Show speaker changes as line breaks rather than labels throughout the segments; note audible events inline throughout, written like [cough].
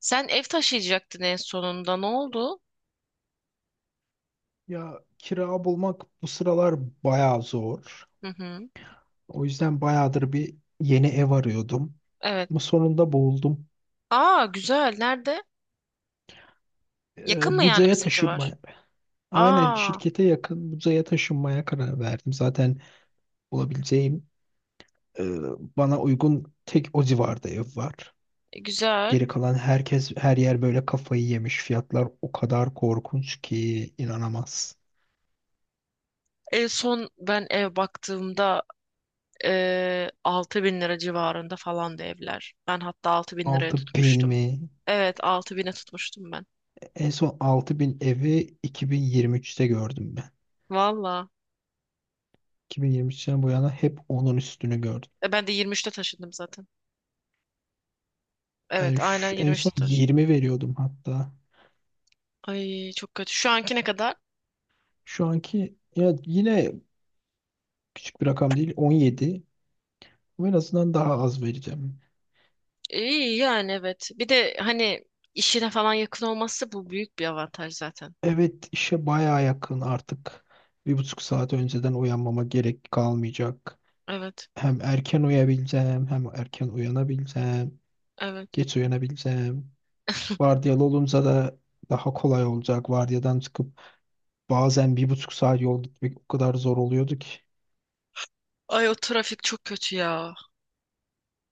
Sen ev taşıyacaktın en sonunda. Ne oldu?
Ya kira bulmak bu sıralar bayağı zor.
Hı hı.
O yüzden bayağıdır bir yeni ev arıyordum.
Evet.
Ama sonunda buldum.
Aa güzel. Nerede? Yakın mı yani
Buca'ya
bizim civar?
taşınmaya. Aynen
Aa
şirkete yakın Buca'ya taşınmaya karar verdim. Zaten bulabileceğim e, bana uygun tek o civarda ev var.
güzel.
Geri kalan herkes her yer böyle kafayı yemiş. Fiyatlar o kadar korkunç ki inanamaz.
En son ben ev baktığımda 6 bin lira civarında falandı evler. Ben hatta 6 bin liraya
6.000
tutmuştum.
mi?
Evet 6 bine tutmuştum ben.
En son 6.000 evi 2023'te gördüm.
Valla.
2023'ten bu yana hep onun üstünü gördüm.
Ben de 23'te taşındım zaten.
Ben
Evet aynen
en
23'te
son
taşındım.
20 veriyordum hatta.
Ay çok kötü. Şu anki ne kadar?
Şu anki ya yine küçük bir rakam değil 17. Ama en azından daha az vereceğim.
İyi yani evet. Bir de hani işine falan yakın olması bu büyük bir avantaj zaten.
Evet, işe baya yakın artık. 1,5 saat önceden uyanmama gerek kalmayacak.
Evet.
Hem erken uyuyabileceğim hem erken uyanabileceğim.
Evet.
Geç uyanabileceğim.
[laughs]
Vardiyalı olunca da daha kolay olacak. Vardiyadan çıkıp bazen 1,5 saat yol gitmek o kadar zor oluyordu ki.
Ay o trafik çok kötü ya.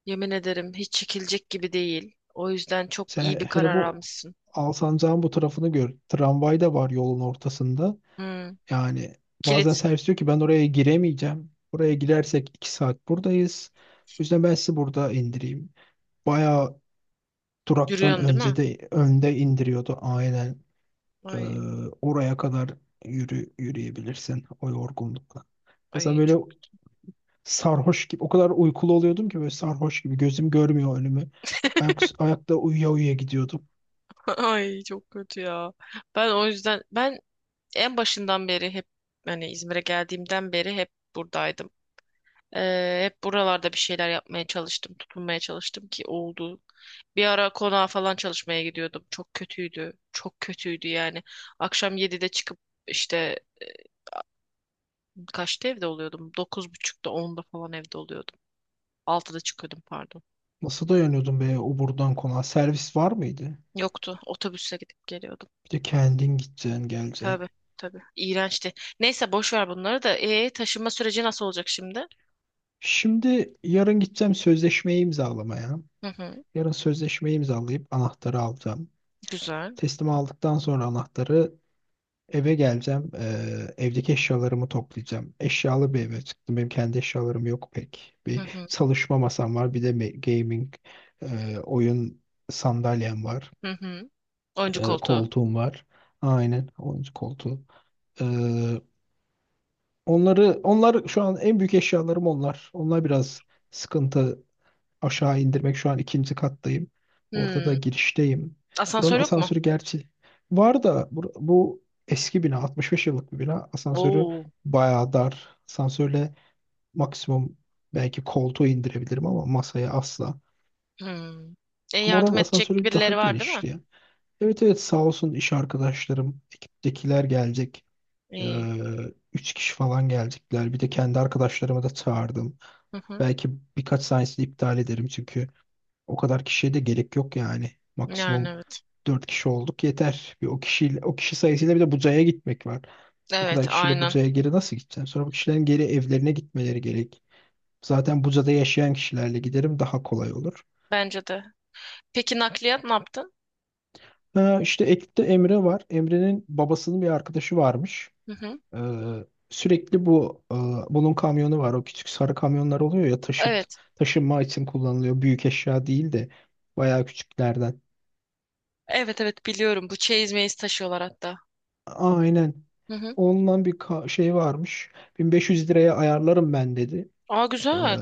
Yemin ederim hiç çekilecek gibi değil. O yüzden çok
Sen
iyi bir
hele
karar
bu
almışsın.
Alsancak'ın bu tarafını gör. Tramvay da var yolun ortasında.
Hmm.
Yani bazen
Kilit
servis diyor ki ben oraya giremeyeceğim. Oraya girersek 2 saat buradayız. O yüzden ben sizi burada indireyim. Bayağı duraktan
yürüyorsun değil mi?
önce de önde indiriyordu aynen. Ee,
Ay
oraya kadar yürüyebilirsin o yorgunlukla. O böyle
çok
sarhoş gibi o kadar uykulu oluyordum ki böyle sarhoş gibi gözüm görmüyor önümü. Ayakta uyuya uyuya gidiyordum.
[laughs] ay çok kötü ya. Ben o yüzden en başından beri hep hani İzmir'e geldiğimden beri hep buradaydım. Hep buralarda bir şeyler yapmaya çalıştım, tutunmaya çalıştım ki oldu. Bir ara konağa falan çalışmaya gidiyordum. Çok kötüydü. Çok kötüydü yani. Akşam 7'de çıkıp işte kaçta evde oluyordum? 9:30'da onda falan evde oluyordum. 6'da çıkıyordum pardon.
Nasıl dayanıyordun be o buradan konağa? Servis var mıydı?
Yoktu. Otobüsle gidip geliyordum.
Bir de kendin gideceksin, geleceksin.
Tabii tabii. İğrençti. Neyse boş ver bunları da. Taşınma süreci nasıl olacak şimdi?
Şimdi yarın gideceğim sözleşmeyi imzalamaya.
Hı hı.
Yarın sözleşmeyi imzalayıp anahtarı alacağım.
Güzel.
Teslim aldıktan sonra anahtarı eve geleceğim. Evdeki eşyalarımı toplayacağım. Eşyalı bir eve çıktım. Benim kendi eşyalarım yok pek.
Hı
Bir
hı.
çalışma masam var. Bir de gaming, oyun sandalyem var.
Hı hı. Oyuncu
E,
koltuğu.
koltuğum var. Aynen oyuncu koltuğu. Ee, onlar şu an en büyük eşyalarım onlar. Onlar biraz sıkıntı aşağı indirmek. Şu an ikinci kattayım. Orada da
Hmm.
girişteyim. Buranın
Asansör yok mu?
asansörü gerçi var da bu eski bina 65 yıllık bir bina. Asansörü
Oo.
bayağı dar. Asansörle maksimum belki koltuğu indirebilirim ama masaya asla.
Hmm.
Ama oranın
Yardım edecek
asansörü daha
birileri var değil mi?
genişti ya. Evet, evet, sağ olsun iş arkadaşlarım, ekiptekiler gelecek. Ee,
İyi.
üç kişi falan gelecekler. Bir de kendi arkadaşlarımı da çağırdım.
Hı hı.
Belki birkaç sahnesini iptal ederim çünkü o kadar kişiye de gerek yok yani.
Yani
Maksimum
evet.
4 kişi olduk yeter. Bir o kişiyle o kişi sayısıyla bir de Buca'ya gitmek var. O kadar
Evet,
kişiyle
aynen.
Buca'ya geri nasıl gideceğim? Sonra bu kişilerin geri evlerine gitmeleri gerek. Zaten Buca'da yaşayan kişilerle giderim daha kolay olur.
Bence de. Peki nakliyat ne yaptın?
Ha, işte ekipte Emre var. Emre'nin babasının bir arkadaşı varmış.
Hı hı.
Ee, sürekli bunun kamyonu var. O küçük sarı kamyonlar oluyor ya
Evet.
taşınma için kullanılıyor. Büyük eşya değil de bayağı küçüklerden.
Evet, evet biliyorum. Bu çeyiz meyiz taşıyorlar hatta.
Aynen.
Hı hı.
Ondan bir şey varmış. 1500 liraya ayarlarım ben dedi.
Aa
Ee,
güzel.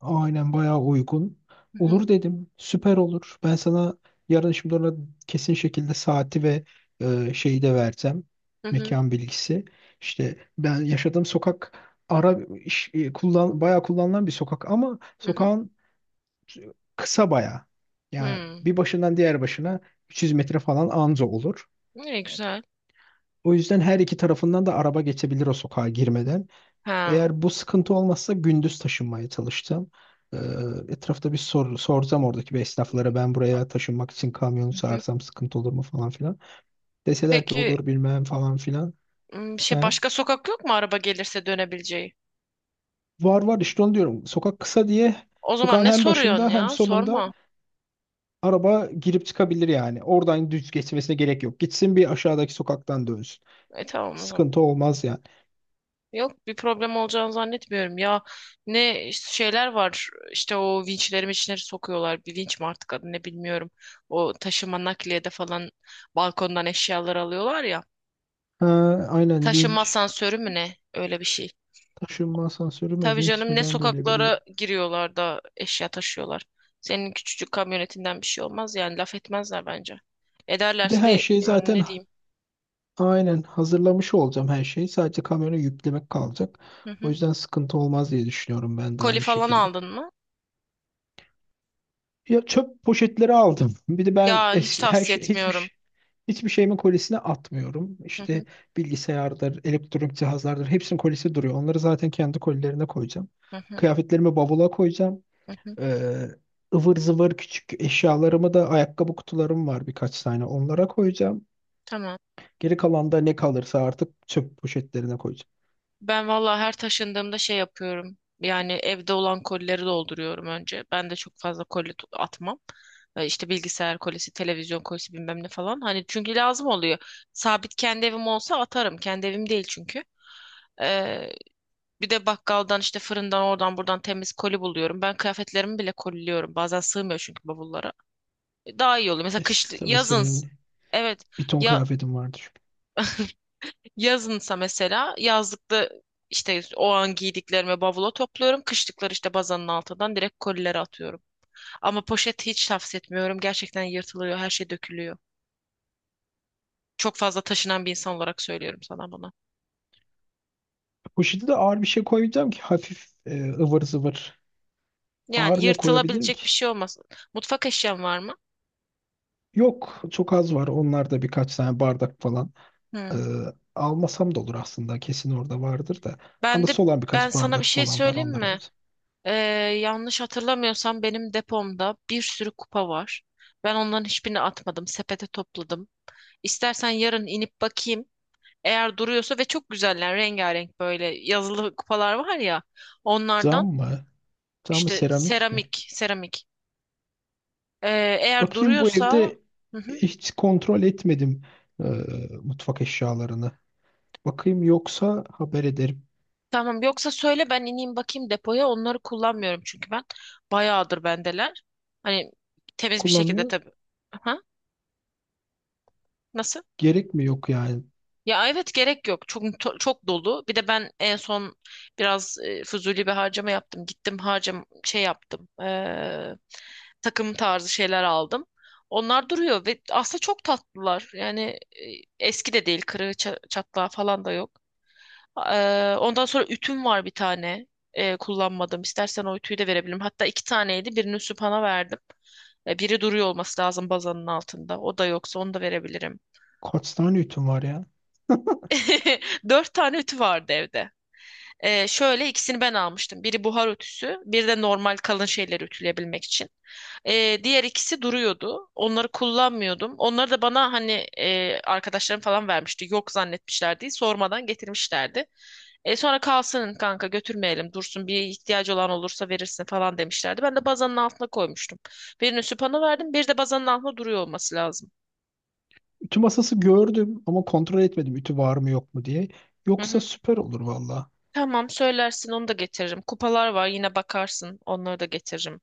aynen bayağı uygun.
Hı hı.
Olur dedim. Süper olur. Ben sana yarın şimdi ona kesin şekilde saati ve şeyi de versem.
Hı hı.
Mekan bilgisi. İşte ben yaşadığım sokak ara bayağı kullanılan bir sokak ama
Hı hı.
sokağın kısa bayağı. Yani
Hmm.
bir başından diğer başına 300 metre falan anca olur.
İyi güzel.
O yüzden her iki tarafından da araba geçebilir o sokağa girmeden.
Ha.
Eğer bu sıkıntı olmazsa gündüz taşınmaya çalıştım. Ee, etrafta bir sorsam oradaki bir esnaflara ben buraya taşınmak için kamyonu
Hı hı.
çağırsam sıkıntı olur mu falan filan. Deseler ki
Peki
olur bilmem falan filan.
şey
He.
başka sokak yok mu araba gelirse dönebileceği?
Var var işte onu diyorum. Sokak kısa diye
O zaman
sokağın
ne
hem
soruyorsun
başında hem
ya?
sonunda
Sorma.
araba girip çıkabilir yani. Oradan düz geçmesine gerek yok. Gitsin bir aşağıdaki sokaktan dönsün.
E tamam o zaman.
Sıkıntı olmaz yani.
Yok bir problem olacağını zannetmiyorum ya. Ne işte şeyler var işte o vinçleri sokuyorlar. Bir vinç mi artık adı ne bilmiyorum. O taşıma nakliyede falan balkondan eşyalar alıyorlar ya.
Ha, aynen
Taşıma
vinç.
asansörü mü ne? Öyle bir şey.
Taşınma asansörü mü
Tabii
vinç
canım
mi
ne
ben de öyle biliyorum.
sokaklara giriyorlar da eşya taşıyorlar. Senin küçücük kamyonetinden bir şey olmaz yani laf etmezler bence.
Bir de
Ederlerse
her
de
şey
yani ne
zaten,
diyeyim.
aynen hazırlamış olacağım her şeyi. Sadece kamera yüklemek kalacak.
Hı
O
hı.
yüzden sıkıntı olmaz diye düşünüyorum ben de
Koli
aynı
falan
şekilde.
aldın mı?
Ya çöp poşetleri aldım. [laughs] Bir de ben
Ya hiç
eski her
tavsiye
şey hiçbir
etmiyorum.
şey- hiçbir şeyimin kolisine atmıyorum.
Hı
İşte
hı,
bilgisayardır, elektronik cihazlardır hepsinin kolisi duruyor. Onları zaten kendi kolilerine koyacağım.
hı hı,
Kıyafetlerimi bavula koyacağım.
hı hı.
Ee, ıvır zıvır küçük eşyalarımı da ayakkabı kutularım var birkaç tane onlara koyacağım.
Tamam.
Geri kalan da ne kalırsa artık çöp poşetlerine koyacağım.
Ben valla her taşındığımda şey yapıyorum. Yani evde olan kolileri dolduruyorum önce. Ben de çok fazla koli atmam. İşte bilgisayar kolisi, televizyon kolisi bilmem ne falan. Hani çünkü lazım oluyor. Sabit kendi evim olsa atarım. Kendi evim değil çünkü. Ee, Bir de bakkaldan işte fırından oradan buradan temiz koli buluyorum. Ben kıyafetlerimi bile koliliyorum. Bazen sığmıyor çünkü bavullara. Daha iyi oluyor. Mesela
E,
kış
s- tabii
yazın
senin
evet.
bir ton
Ya
kıyafetin vardır.
yazınsa mesela yazlıkta işte o an giydiklerimi bavula topluyorum. Kışlıkları işte bazanın altından direkt kolilere atıyorum. Ama poşet hiç tavsiye etmiyorum. Gerçekten yırtılıyor, her şey dökülüyor. Çok fazla taşınan bir insan olarak söylüyorum sana bunu.
Poşete de ağır bir şey koyacağım ki hafif ıvır zıvır.
Yani
Ağır ne koyabilirim
yırtılabilecek
ki?
bir şey olmaz. Mutfak eşyan var mı?
Yok çok az var. Onlar da birkaç tane bardak falan. Ee,
Hı.
almasam da olur aslında. Kesin orada vardır da.
Ben de
Anısı olan birkaç
sana bir
bardak
şey
falan var.
söyleyeyim
Onları alırım.
mi? Ee, Yanlış hatırlamıyorsam benim depomda bir sürü kupa var. Ben onların hiçbirini atmadım. Sepete topladım. İstersen yarın inip bakayım. Eğer duruyorsa ve çok güzeller rengarenk böyle yazılı kupalar var ya
Cam
onlardan
mı? Cam mı
işte
seramik mi?
seramik. Eğer
Bakayım bu
duruyorsa
evde
hı hı,
hiç kontrol etmedim e, mutfak eşyalarını. Bakayım yoksa haber ederim.
tamam yoksa söyle ben ineyim bakayım depoya onları kullanmıyorum çünkü ben bayağıdır bendeler. Hani temiz bir şekilde
Kullanmıyor.
tabii. Aha, nasıl?
Gerek mi yok yani?
Ya evet gerek yok. Çok dolu. Bir de ben en son biraz fuzuli bir harcama yaptım. Gittim harcam şey yaptım. Takım tarzı şeyler aldım. Onlar duruyor ve aslında çok tatlılar. Yani eski de değil. Kırığı çatlağı falan da yok. Ondan sonra ütüm var bir tane. Kullanmadım. İstersen o ütüyü de verebilirim. Hatta iki taneydi. Birini Süphan'a verdim. E, biri duruyor olması lazım bazanın altında. O da yoksa onu da verebilirim.
Kaç tane ütüm var ya? [laughs]
[laughs] Dört tane ütü vardı evde. Şöyle ikisini ben almıştım. Biri buhar ütüsü, bir de normal kalın şeyleri ütüleyebilmek için. Diğer ikisi duruyordu. Onları kullanmıyordum. Onları da bana hani arkadaşlarım falan vermişti. Yok zannetmişlerdi. Sormadan getirmişlerdi. E, sonra kalsın kanka götürmeyelim dursun bir ihtiyacı olan olursa verirsin falan demişlerdi. Ben de bazanın altına koymuştum. Birini süpana verdim, bir de bazanın altına duruyor olması lazım.
Ütü masası gördüm ama kontrol etmedim ütü var mı yok mu diye.
Hı
Yoksa
hı.
süper olur valla.
Tamam söylersin onu da getiririm. Kupalar var yine bakarsın onları da getiririm.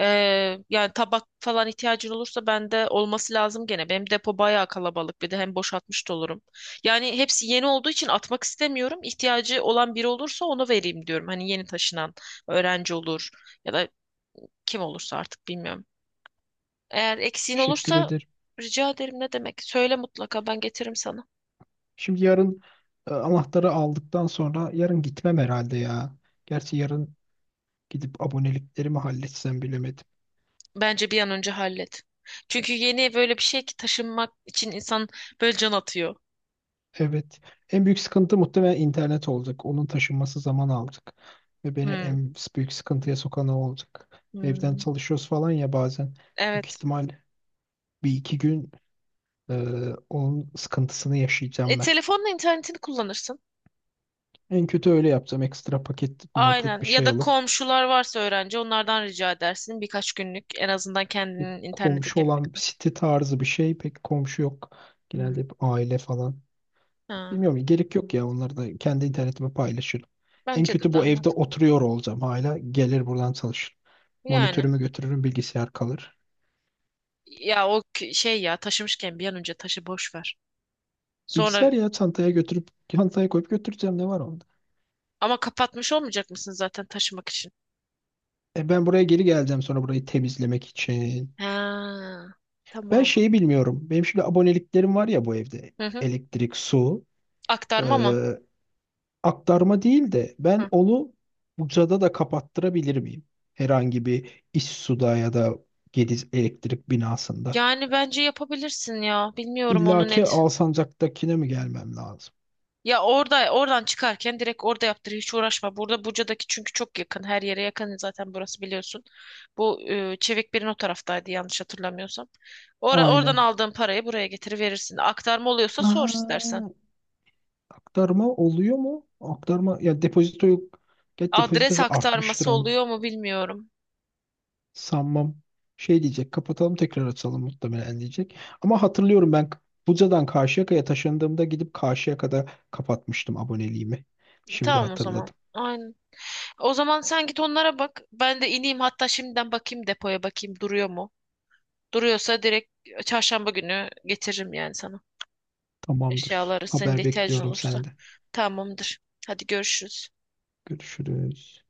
Ee, Yani tabak falan ihtiyacın olursa bende olması lazım gene. Benim depo bayağı kalabalık bir de hem boşaltmış da olurum. Yani hepsi yeni olduğu için atmak istemiyorum. İhtiyacı olan biri olursa onu vereyim diyorum. Hani yeni taşınan öğrenci olur ya da kim olursa artık bilmiyorum. Eğer eksiğin
Teşekkür
olursa
ederim.
rica ederim ne demek. Söyle mutlaka ben getiririm sana.
Şimdi yarın anahtarı aldıktan sonra yarın gitmem herhalde ya. Gerçi yarın gidip aboneliklerimi halletsem bilemedim.
Bence bir an önce hallet. Çünkü yeni böyle bir şey ki taşınmak için insan böyle can atıyor.
Evet. En büyük sıkıntı muhtemelen internet olacak. Onun taşınması zaman alacak. Ve beni
Hmm.
en büyük sıkıntıya sokan o olacak. Evden
Hmm.
çalışıyoruz falan ya bazen. Büyük
Evet.
ihtimal bir iki gün e, onun sıkıntısını
E,
yaşayacağım ben.
telefonla internetini kullanırsın.
En kötü öyle yapsam ekstra paket maket
Aynen.
bir
Ya
şey
da
alıp
komşular varsa öğrenci onlardan rica edersin birkaç günlük en azından
bir
kendinin internete
komşu
gelene
olan bir
kadar.
site tarzı bir şey pek komşu yok.
Hmm.
Genelde hep aile falan.
Ha.
Bilmiyorum gerek yok ya onları da kendi internetime paylaşırım. En
Bence de
kötü bu
daha
evde
mantıklı.
oturuyor olacağım hala. Gelir buradan çalışırım.
Yani.
Monitörümü götürürüm bilgisayar kalır.
Ya o şey ya taşımışken bir an önce taşı boş ver. Sonra
Bilgisayar ya çantaya götürüp çantaya koyup götüreceğim ne var onda?
ama kapatmış olmayacak mısın zaten taşımak için?
Ben buraya geri geleceğim sonra burayı temizlemek için.
Ha.
Ben
Tamam.
şeyi bilmiyorum. Benim şimdi aboneliklerim var ya bu evde.
Hı hı.
Elektrik, su.
Aktarma mı?
Aktarma değil de ben
Hı.
onu Buca'da da kapattırabilir miyim? Herhangi bir İssu'da ya da Gediz elektrik binasında.
Yani bence yapabilirsin ya. Bilmiyorum
İlla
onu
ki
net.
Alsancak'takine mi gelmem lazım?
Ya orada oradan çıkarken direkt orada yaptır hiç uğraşma. Burada Buca'daki çünkü çok yakın. Her yere yakın zaten burası biliyorsun. Bu Çevikbir'in o taraftaydı yanlış hatırlamıyorsam. Ora, oradan
Aynen.
aldığın parayı buraya getiriverirsin. Aktarma oluyorsa sor istersen.
Aa, aktarma oluyor mu? Aktarma ya depozito yok. Get
Adres
depozitosu artmıştır
aktarması
onun.
oluyor mu bilmiyorum.
Sanmam. Şey diyecek kapatalım tekrar açalım muhtemelen diyecek. Ama hatırlıyorum ben Buca'dan Karşıyaka'ya taşındığımda gidip Karşıyaka'da kapatmıştım aboneliğimi. Şimdi
Tamam o zaman.
hatırladım.
Aynen. O zaman sen git onlara bak. Ben de ineyim hatta şimdiden bakayım depoya bakayım duruyor mu? Duruyorsa direkt çarşamba günü getiririm yani sana.
Tamamdır.
Eşyaları senin de
Haber
ihtiyacın
bekliyorum
olursa.
senden.
Tamamdır. Hadi görüşürüz.
Görüşürüz.